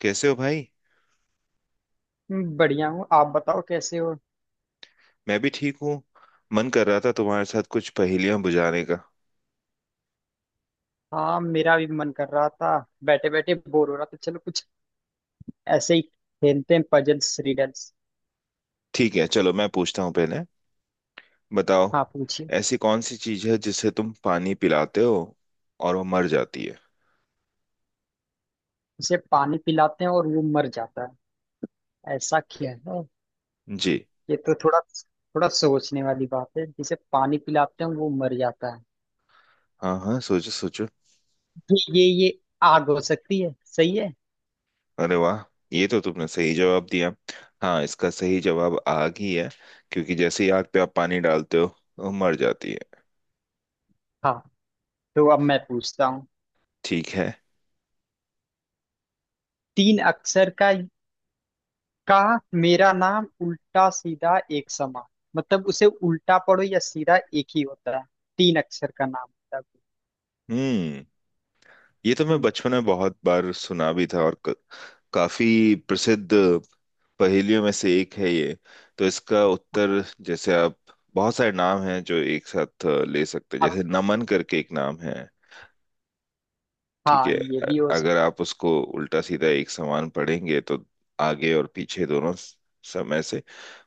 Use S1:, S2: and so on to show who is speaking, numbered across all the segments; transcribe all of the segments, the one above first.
S1: कैसे हो भाई।
S2: बढ़िया हूँ। आप बताओ कैसे हो।
S1: मैं भी ठीक हूँ। मन कर रहा था तुम्हारे साथ कुछ पहेलियां बुझाने का।
S2: हाँ मेरा भी मन कर रहा था। बैठे बैठे बोर हो रहा था, चलो कुछ ऐसे ही खेलते हैं, पजल्स रिडल्स।
S1: ठीक है, चलो मैं पूछता हूँ पहले। बताओ,
S2: हाँ पूछिए।
S1: ऐसी कौन सी चीज है जिसे तुम पानी पिलाते हो और वो मर जाती है?
S2: उसे पानी पिलाते हैं और वो मर जाता है, ऐसा क्या है?
S1: जी।
S2: ये तो थोड़ा थोड़ा सोचने वाली बात है, जिसे पानी पिलाते हैं वो मर जाता है।
S1: हाँ हाँ, सोचो सोचो।
S2: ये आग हो सकती है, सही है।
S1: अरे वाह, ये तो तुमने सही जवाब दिया। हाँ, इसका सही जवाब आग ही है, क्योंकि जैसे ही आग पे आप पानी डालते हो, वो मर जाती है।
S2: हाँ तो अब मैं पूछता हूँ।
S1: ठीक है।
S2: तीन अक्षर का मेरा नाम, उल्टा सीधा एक समान। मतलब उसे उल्टा पढ़ो या सीधा एक ही होता है। तीन अक्षर का नाम होता है।
S1: हम्म। ये तो मैं
S2: हम्म,
S1: बचपन में बहुत बार सुना भी था और काफी प्रसिद्ध पहेलियों में से एक है ये। तो इसका उत्तर जैसे आप, बहुत सारे नाम हैं जो एक साथ ले सकते हैं,
S2: हाँ,
S1: जैसे नमन, करके एक नाम है। ठीक
S2: हाँ
S1: है।
S2: ये भी हो सकता।
S1: अगर आप उसको उल्टा सीधा एक समान पढ़ेंगे तो आगे और पीछे दोनों समय से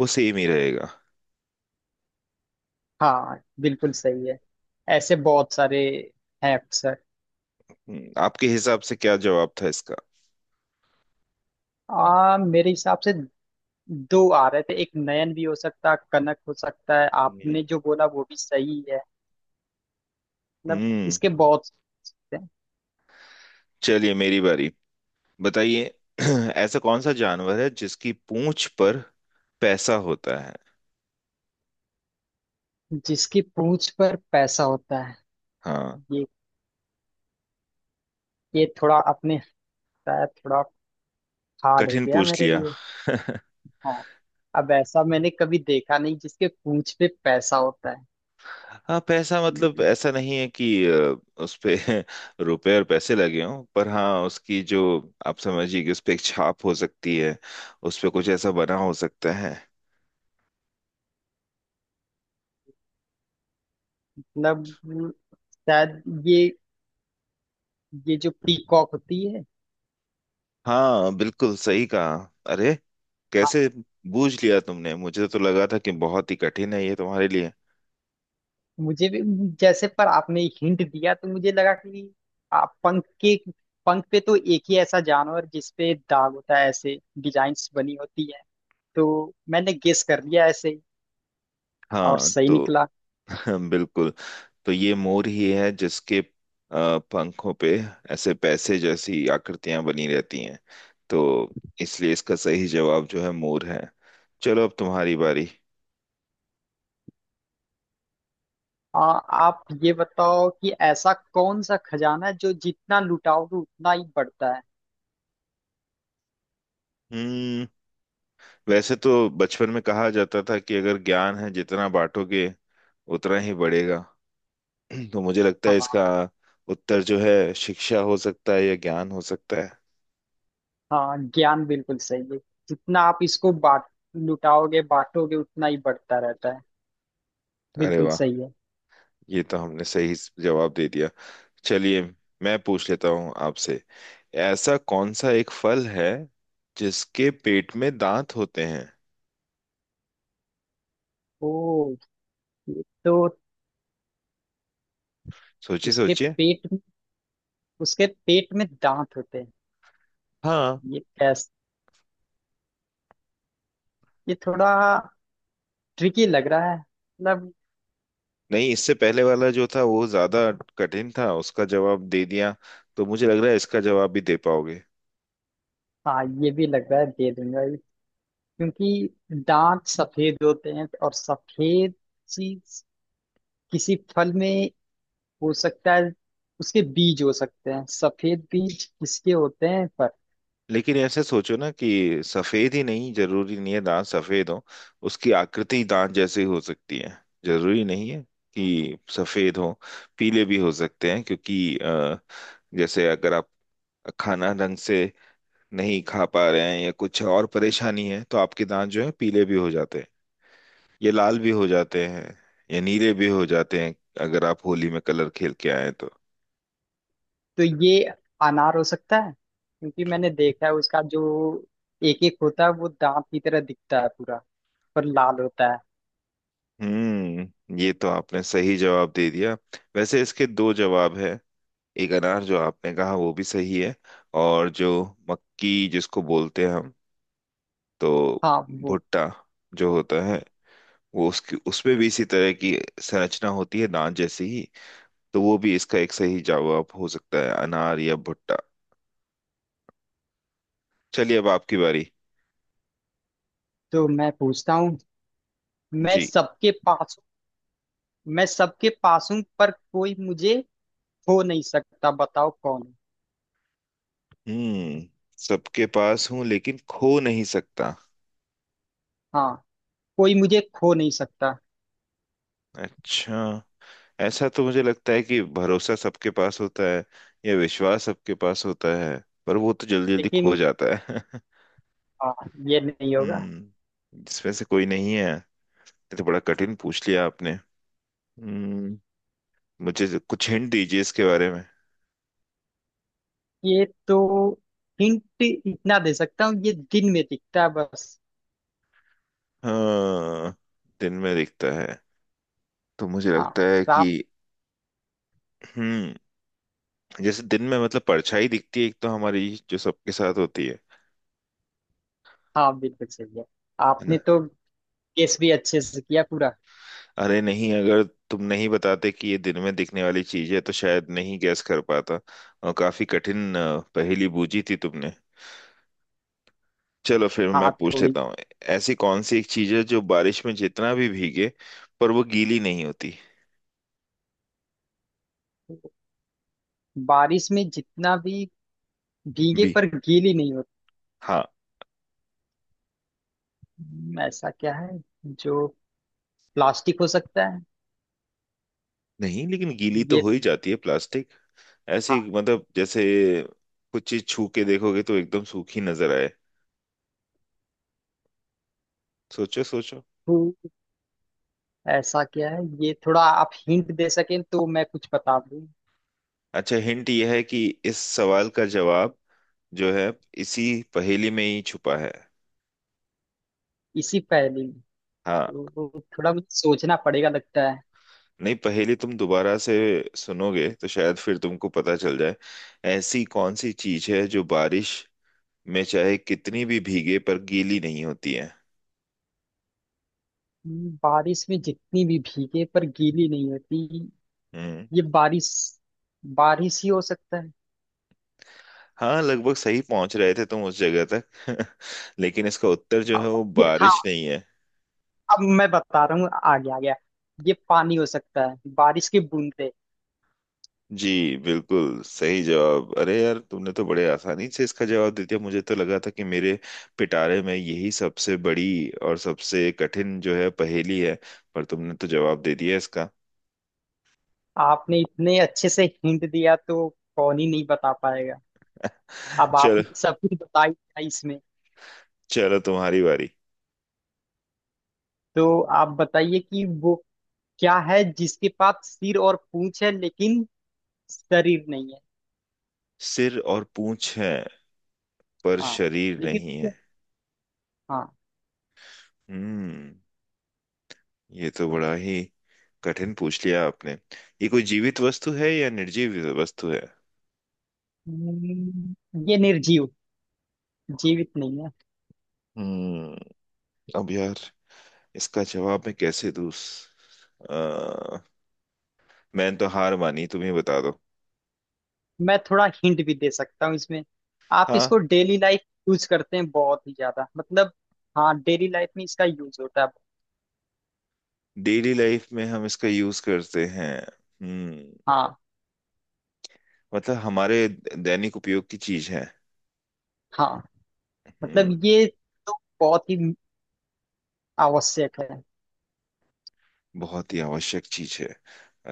S1: वो सेम ही रहेगा।
S2: हाँ बिल्कुल सही है। ऐसे बहुत सारे हैं अक्षर।
S1: आपके हिसाब से क्या जवाब था इसका?
S2: आ मेरे हिसाब से दो आ रहे थे, एक नयन भी हो सकता, कनक हो सकता है,
S1: हम्म।
S2: आपने जो बोला वो भी सही है। मतलब
S1: हम्म।
S2: इसके बहुत से हैं।
S1: चलिए, मेरी बारी। बताइए। ऐसा कौन सा जानवर है जिसकी पूंछ पर पैसा होता है?
S2: जिसकी पूंछ पर पैसा होता है।
S1: हाँ।
S2: ये ये थोड़ा अपने होता है, थोड़ा हार्ड हो
S1: कठिन
S2: गया
S1: पूछ
S2: मेरे
S1: लिया?
S2: लिए। हाँ अब ऐसा मैंने कभी देखा नहीं जिसके पूंछ पे पैसा होता है।
S1: हाँ, पैसा मतलब
S2: मतलब
S1: ऐसा नहीं है कि उस पे रुपए और पैसे लगे हों, पर हाँ उसकी जो, आप समझिए कि उस पे एक छाप हो सकती है, उस पे कुछ ऐसा बना हो सकता है।
S2: शायद ये जो पीकॉक होती है।
S1: हाँ, बिल्कुल सही कहा। अरे,
S2: हाँ,
S1: कैसे बूझ लिया तुमने? मुझे तो लगा था कि बहुत ही कठिन है ये तुम्हारे लिए।
S2: मुझे भी जैसे पर आपने हिंट दिया तो मुझे लगा कि आप पंख के पंख पे तो एक ही ऐसा जानवर जिसपे दाग होता है, ऐसे डिजाइन्स बनी होती है, तो मैंने गेस कर लिया ऐसे ही, और
S1: हाँ
S2: सही
S1: तो।
S2: निकला।
S1: बिल्कुल। तो ये मोर ही है जिसके पंखों पे ऐसे पैसे जैसी आकृतियां बनी रहती हैं। तो इसलिए इसका सही जवाब जो है मोर है। चलो, अब तुम्हारी बारी।
S2: आप ये बताओ कि ऐसा कौन सा खजाना है जो जितना लुटाओगे उतना ही बढ़ता है।
S1: हम्म। वैसे तो बचपन में कहा जाता था कि अगर ज्ञान है, जितना बांटोगे उतना ही बढ़ेगा। तो मुझे लगता है
S2: हाँ,
S1: इसका उत्तर जो है शिक्षा हो सकता है या ज्ञान हो सकता है।
S2: हाँ ज्ञान बिल्कुल सही है। जितना आप इसको बांट लुटाओगे बांटोगे उतना ही बढ़ता रहता है,
S1: अरे
S2: बिल्कुल
S1: वाह,
S2: सही है।
S1: ये तो हमने सही जवाब दे दिया। चलिए, मैं पूछ लेता हूँ आपसे। ऐसा कौन सा एक फल है जिसके पेट में दांत होते हैं?
S2: ओ ये तो,
S1: सोचिए
S2: उसके
S1: सोचिए।
S2: पेट में उसके पेट में दांत होते हैं,
S1: हाँ,
S2: ये कैसे? ये थोड़ा ट्रिकी लग रहा है, मतलब
S1: नहीं, इससे पहले वाला जो था वो ज्यादा कठिन था, उसका जवाब दे दिया, तो मुझे लग रहा है इसका जवाब भी दे पाओगे।
S2: हाँ ये भी लग रहा है दे दूंगा ये, क्योंकि दांत सफेद होते हैं और सफेद चीज किसी फल में हो सकता है, उसके बीज हो सकते हैं, सफेद बीज किसके होते हैं पर।
S1: लेकिन ऐसे सोचो ना कि सफेद ही, नहीं जरूरी नहीं है दांत सफेद हो, उसकी आकृति दांत जैसी हो सकती है। जरूरी नहीं है कि सफेद हो, पीले भी हो सकते हैं, क्योंकि जैसे अगर आप खाना ढंग से नहीं खा पा रहे हैं या कुछ और परेशानी है तो आपके दांत जो है पीले भी हो जाते हैं, ये लाल भी हो जाते हैं या नीले भी हो जाते हैं, अगर आप होली में कलर खेल के आए तो।
S2: तो ये अनार हो सकता है क्योंकि मैंने देखा है उसका जो एक एक होता है वो दांत की तरह दिखता है पूरा, पर लाल होता है।
S1: हम्म, ये तो आपने सही जवाब दे दिया। वैसे इसके दो जवाब है, एक अनार जो आपने कहा वो भी सही है, और जो मक्की जिसको बोलते हैं हम, तो
S2: हाँ वो।
S1: भुट्टा जो होता है वो, उसकी उसमें भी इसी तरह की संरचना होती है दांत जैसी ही। तो वो भी इसका एक सही जवाब हो सकता है, अनार या भुट्टा। चलिए, अब आपकी बारी।
S2: तो मैं पूछता हूँ, मैं
S1: जी।
S2: सबके पास हूँ, मैं सबके पास हूँ पर कोई मुझे खो नहीं सकता, बताओ कौन हूँ?
S1: हम्म। सबके पास हूं लेकिन खो नहीं सकता।
S2: हाँ कोई मुझे खो नहीं सकता।
S1: अच्छा। ऐसा तो मुझे लगता है कि भरोसा सबके पास होता है या विश्वास सबके पास होता है, पर वो तो जल्दी जल्दी खो
S2: लेकिन
S1: जाता है।
S2: हाँ ये नहीं होगा।
S1: हम्म, इसमें से कोई नहीं है ये? तो बड़ा कठिन पूछ लिया आपने। हम्म। मुझे कुछ हिंट दीजिए इसके बारे में।
S2: ये तो, हिंट इतना दे सकता हूँ, ये दिन में दिखता है बस।
S1: हाँ, दिन में दिखता है, तो मुझे
S2: हाँ
S1: लगता है कि।
S2: आप।
S1: हम्म। जैसे दिन में, मतलब परछाई दिखती है एक, तो हमारी जो सबके साथ होती है।
S2: हाँ बिल्कुल सही है।
S1: है ना?
S2: आपने तो केस भी अच्छे से किया पूरा।
S1: अरे नहीं, अगर तुम नहीं बताते कि ये दिन में दिखने वाली चीज है तो शायद नहीं गैस कर पाता। और काफी कठिन पहेली बूझी थी तुमने। चलो फिर मैं
S2: हाथ
S1: पूछ
S2: थोड़ी।
S1: लेता हूँ। ऐसी कौन सी एक चीज है जो बारिश में जितना भी भीगे पर वो गीली नहीं होती?
S2: बारिश में जितना भी भीगे
S1: भी।
S2: पर गीली नहीं होती।
S1: हाँ।
S2: ऐसा क्या है जो, प्लास्टिक हो सकता है।
S1: नहीं, लेकिन गीली तो
S2: ये
S1: हो ही जाती है प्लास्टिक। ऐसी
S2: हाँ।
S1: मतलब जैसे कुछ चीज छू के देखोगे तो एकदम सूखी नजर आए। सोचो सोचो।
S2: तो ऐसा क्या है, ये थोड़ा आप हिंट दे सकें तो मैं कुछ बता दूं।
S1: अच्छा, हिंट यह है कि इस सवाल का जवाब जो है, इसी पहेली में ही छुपा है।
S2: इसी पहेली में?
S1: हाँ।
S2: तो थोड़ा मुझे सोचना पड़ेगा लगता है।
S1: नहीं, पहेली तुम दोबारा से सुनोगे तो शायद फिर तुमको पता चल जाए। ऐसी कौन सी चीज है जो बारिश में चाहे कितनी भी भीगे पर गीली नहीं होती है?
S2: बारिश में जितनी भी भीगे पर गीली नहीं होती।
S1: हम्म।
S2: ये बारिश बारिश ही हो सकता है।
S1: हाँ, लगभग सही पहुंच रहे थे तुम उस जगह तक। लेकिन इसका उत्तर जो
S2: हाँ,
S1: है वो
S2: ये हाँ,
S1: बारिश नहीं है।
S2: अब मैं बता रहा हूँ, आ गया, ये पानी हो सकता है, बारिश की बूंदे।
S1: जी, बिल्कुल सही जवाब। अरे यार, तुमने तो बड़े आसानी से इसका जवाब दे दिया, मुझे तो लगा था कि मेरे पिटारे में यही सबसे बड़ी और सबसे कठिन जो है पहेली है, पर तुमने तो जवाब दे दिया इसका।
S2: आपने इतने अच्छे से हिंट दिया तो कौन ही नहीं बता पाएगा। अब
S1: चलो,
S2: आपने सब कुछ बता ही दिया इसमें।
S1: चलो तुम्हारी बारी।
S2: तो आप बताइए कि वो क्या है जिसके पास सिर और पूंछ है लेकिन शरीर नहीं है।
S1: सिर और पूंछ है पर
S2: हाँ
S1: शरीर
S2: लेकिन।
S1: नहीं है?
S2: हाँ।
S1: हम्म। ये तो बड़ा ही कठिन पूछ लिया आपने। ये कोई जीवित वस्तु है या निर्जीव वस्तु है?
S2: हम्म, ये निर्जीव, जीवित नहीं है।
S1: हम्म। अब यार, इसका जवाब मैं कैसे दूं? मैंने तो हार मानी, तुम ही बता दो।
S2: मैं थोड़ा हिंट भी दे सकता हूँ इसमें। आप
S1: हाँ,
S2: इसको डेली लाइफ यूज करते हैं बहुत ही ज्यादा, मतलब हाँ डेली लाइफ में इसका यूज होता है।
S1: डेली लाइफ में हम इसका यूज करते हैं। हम्म,
S2: हाँ
S1: मतलब हमारे दैनिक उपयोग की चीज है।
S2: हाँ।
S1: हम्म।
S2: मतलब ये तो बहुत ही आवश्यक है।
S1: बहुत ही आवश्यक चीज है।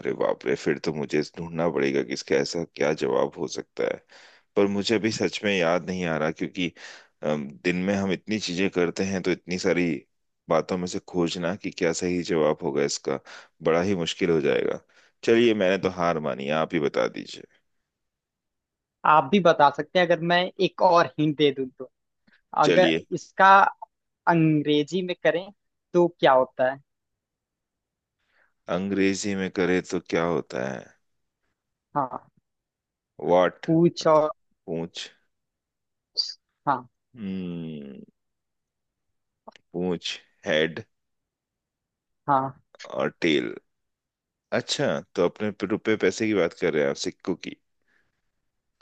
S1: अरे बाप रे, फिर तो मुझे ढूंढना पड़ेगा कि इसका ऐसा क्या जवाब हो सकता है। पर मुझे अभी सच में याद नहीं आ रहा, क्योंकि दिन में हम इतनी चीजें करते हैं तो इतनी सारी बातों में से खोजना कि क्या सही जवाब होगा इसका, बड़ा ही मुश्किल हो जाएगा। चलिए, मैंने तो हार मानी, आप ही बता दीजिए।
S2: आप भी बता सकते हैं, अगर मैं एक और हिंट दे दूँ तो, अगर
S1: चलिए।
S2: इसका अंग्रेजी में करें तो क्या होता है।
S1: अंग्रेजी में करे तो क्या होता है?
S2: हाँ
S1: वॉट?
S2: पूछ और।
S1: पूंछ।
S2: हाँ।
S1: हम्म। पूंछ, हेड
S2: हाँ।
S1: और टेल। अच्छा, तो अपने रुपए पैसे की बात कर रहे हैं आप, सिक्कों की?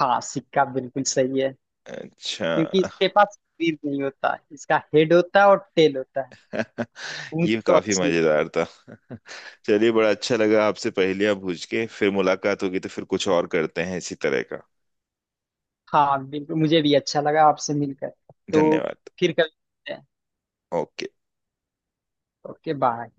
S2: हाँ सिक्का बिल्कुल सही है,
S1: अच्छा।
S2: क्योंकि इसके पास सिर नहीं होता, इसका हेड होता है और टेल होता है, पूंछ
S1: ये
S2: और
S1: काफी
S2: सिर।
S1: मजेदार था। चलिए, बड़ा अच्छा लगा आपसे पहेलियां बूझ के। फिर मुलाकात होगी तो फिर कुछ और करते हैं इसी तरह का।
S2: हाँ बिल्कुल, मुझे भी अच्छा लगा आपसे मिलकर। तो
S1: धन्यवाद।
S2: फिर कभी मिलते हैं।
S1: ओके।
S2: Okay bye.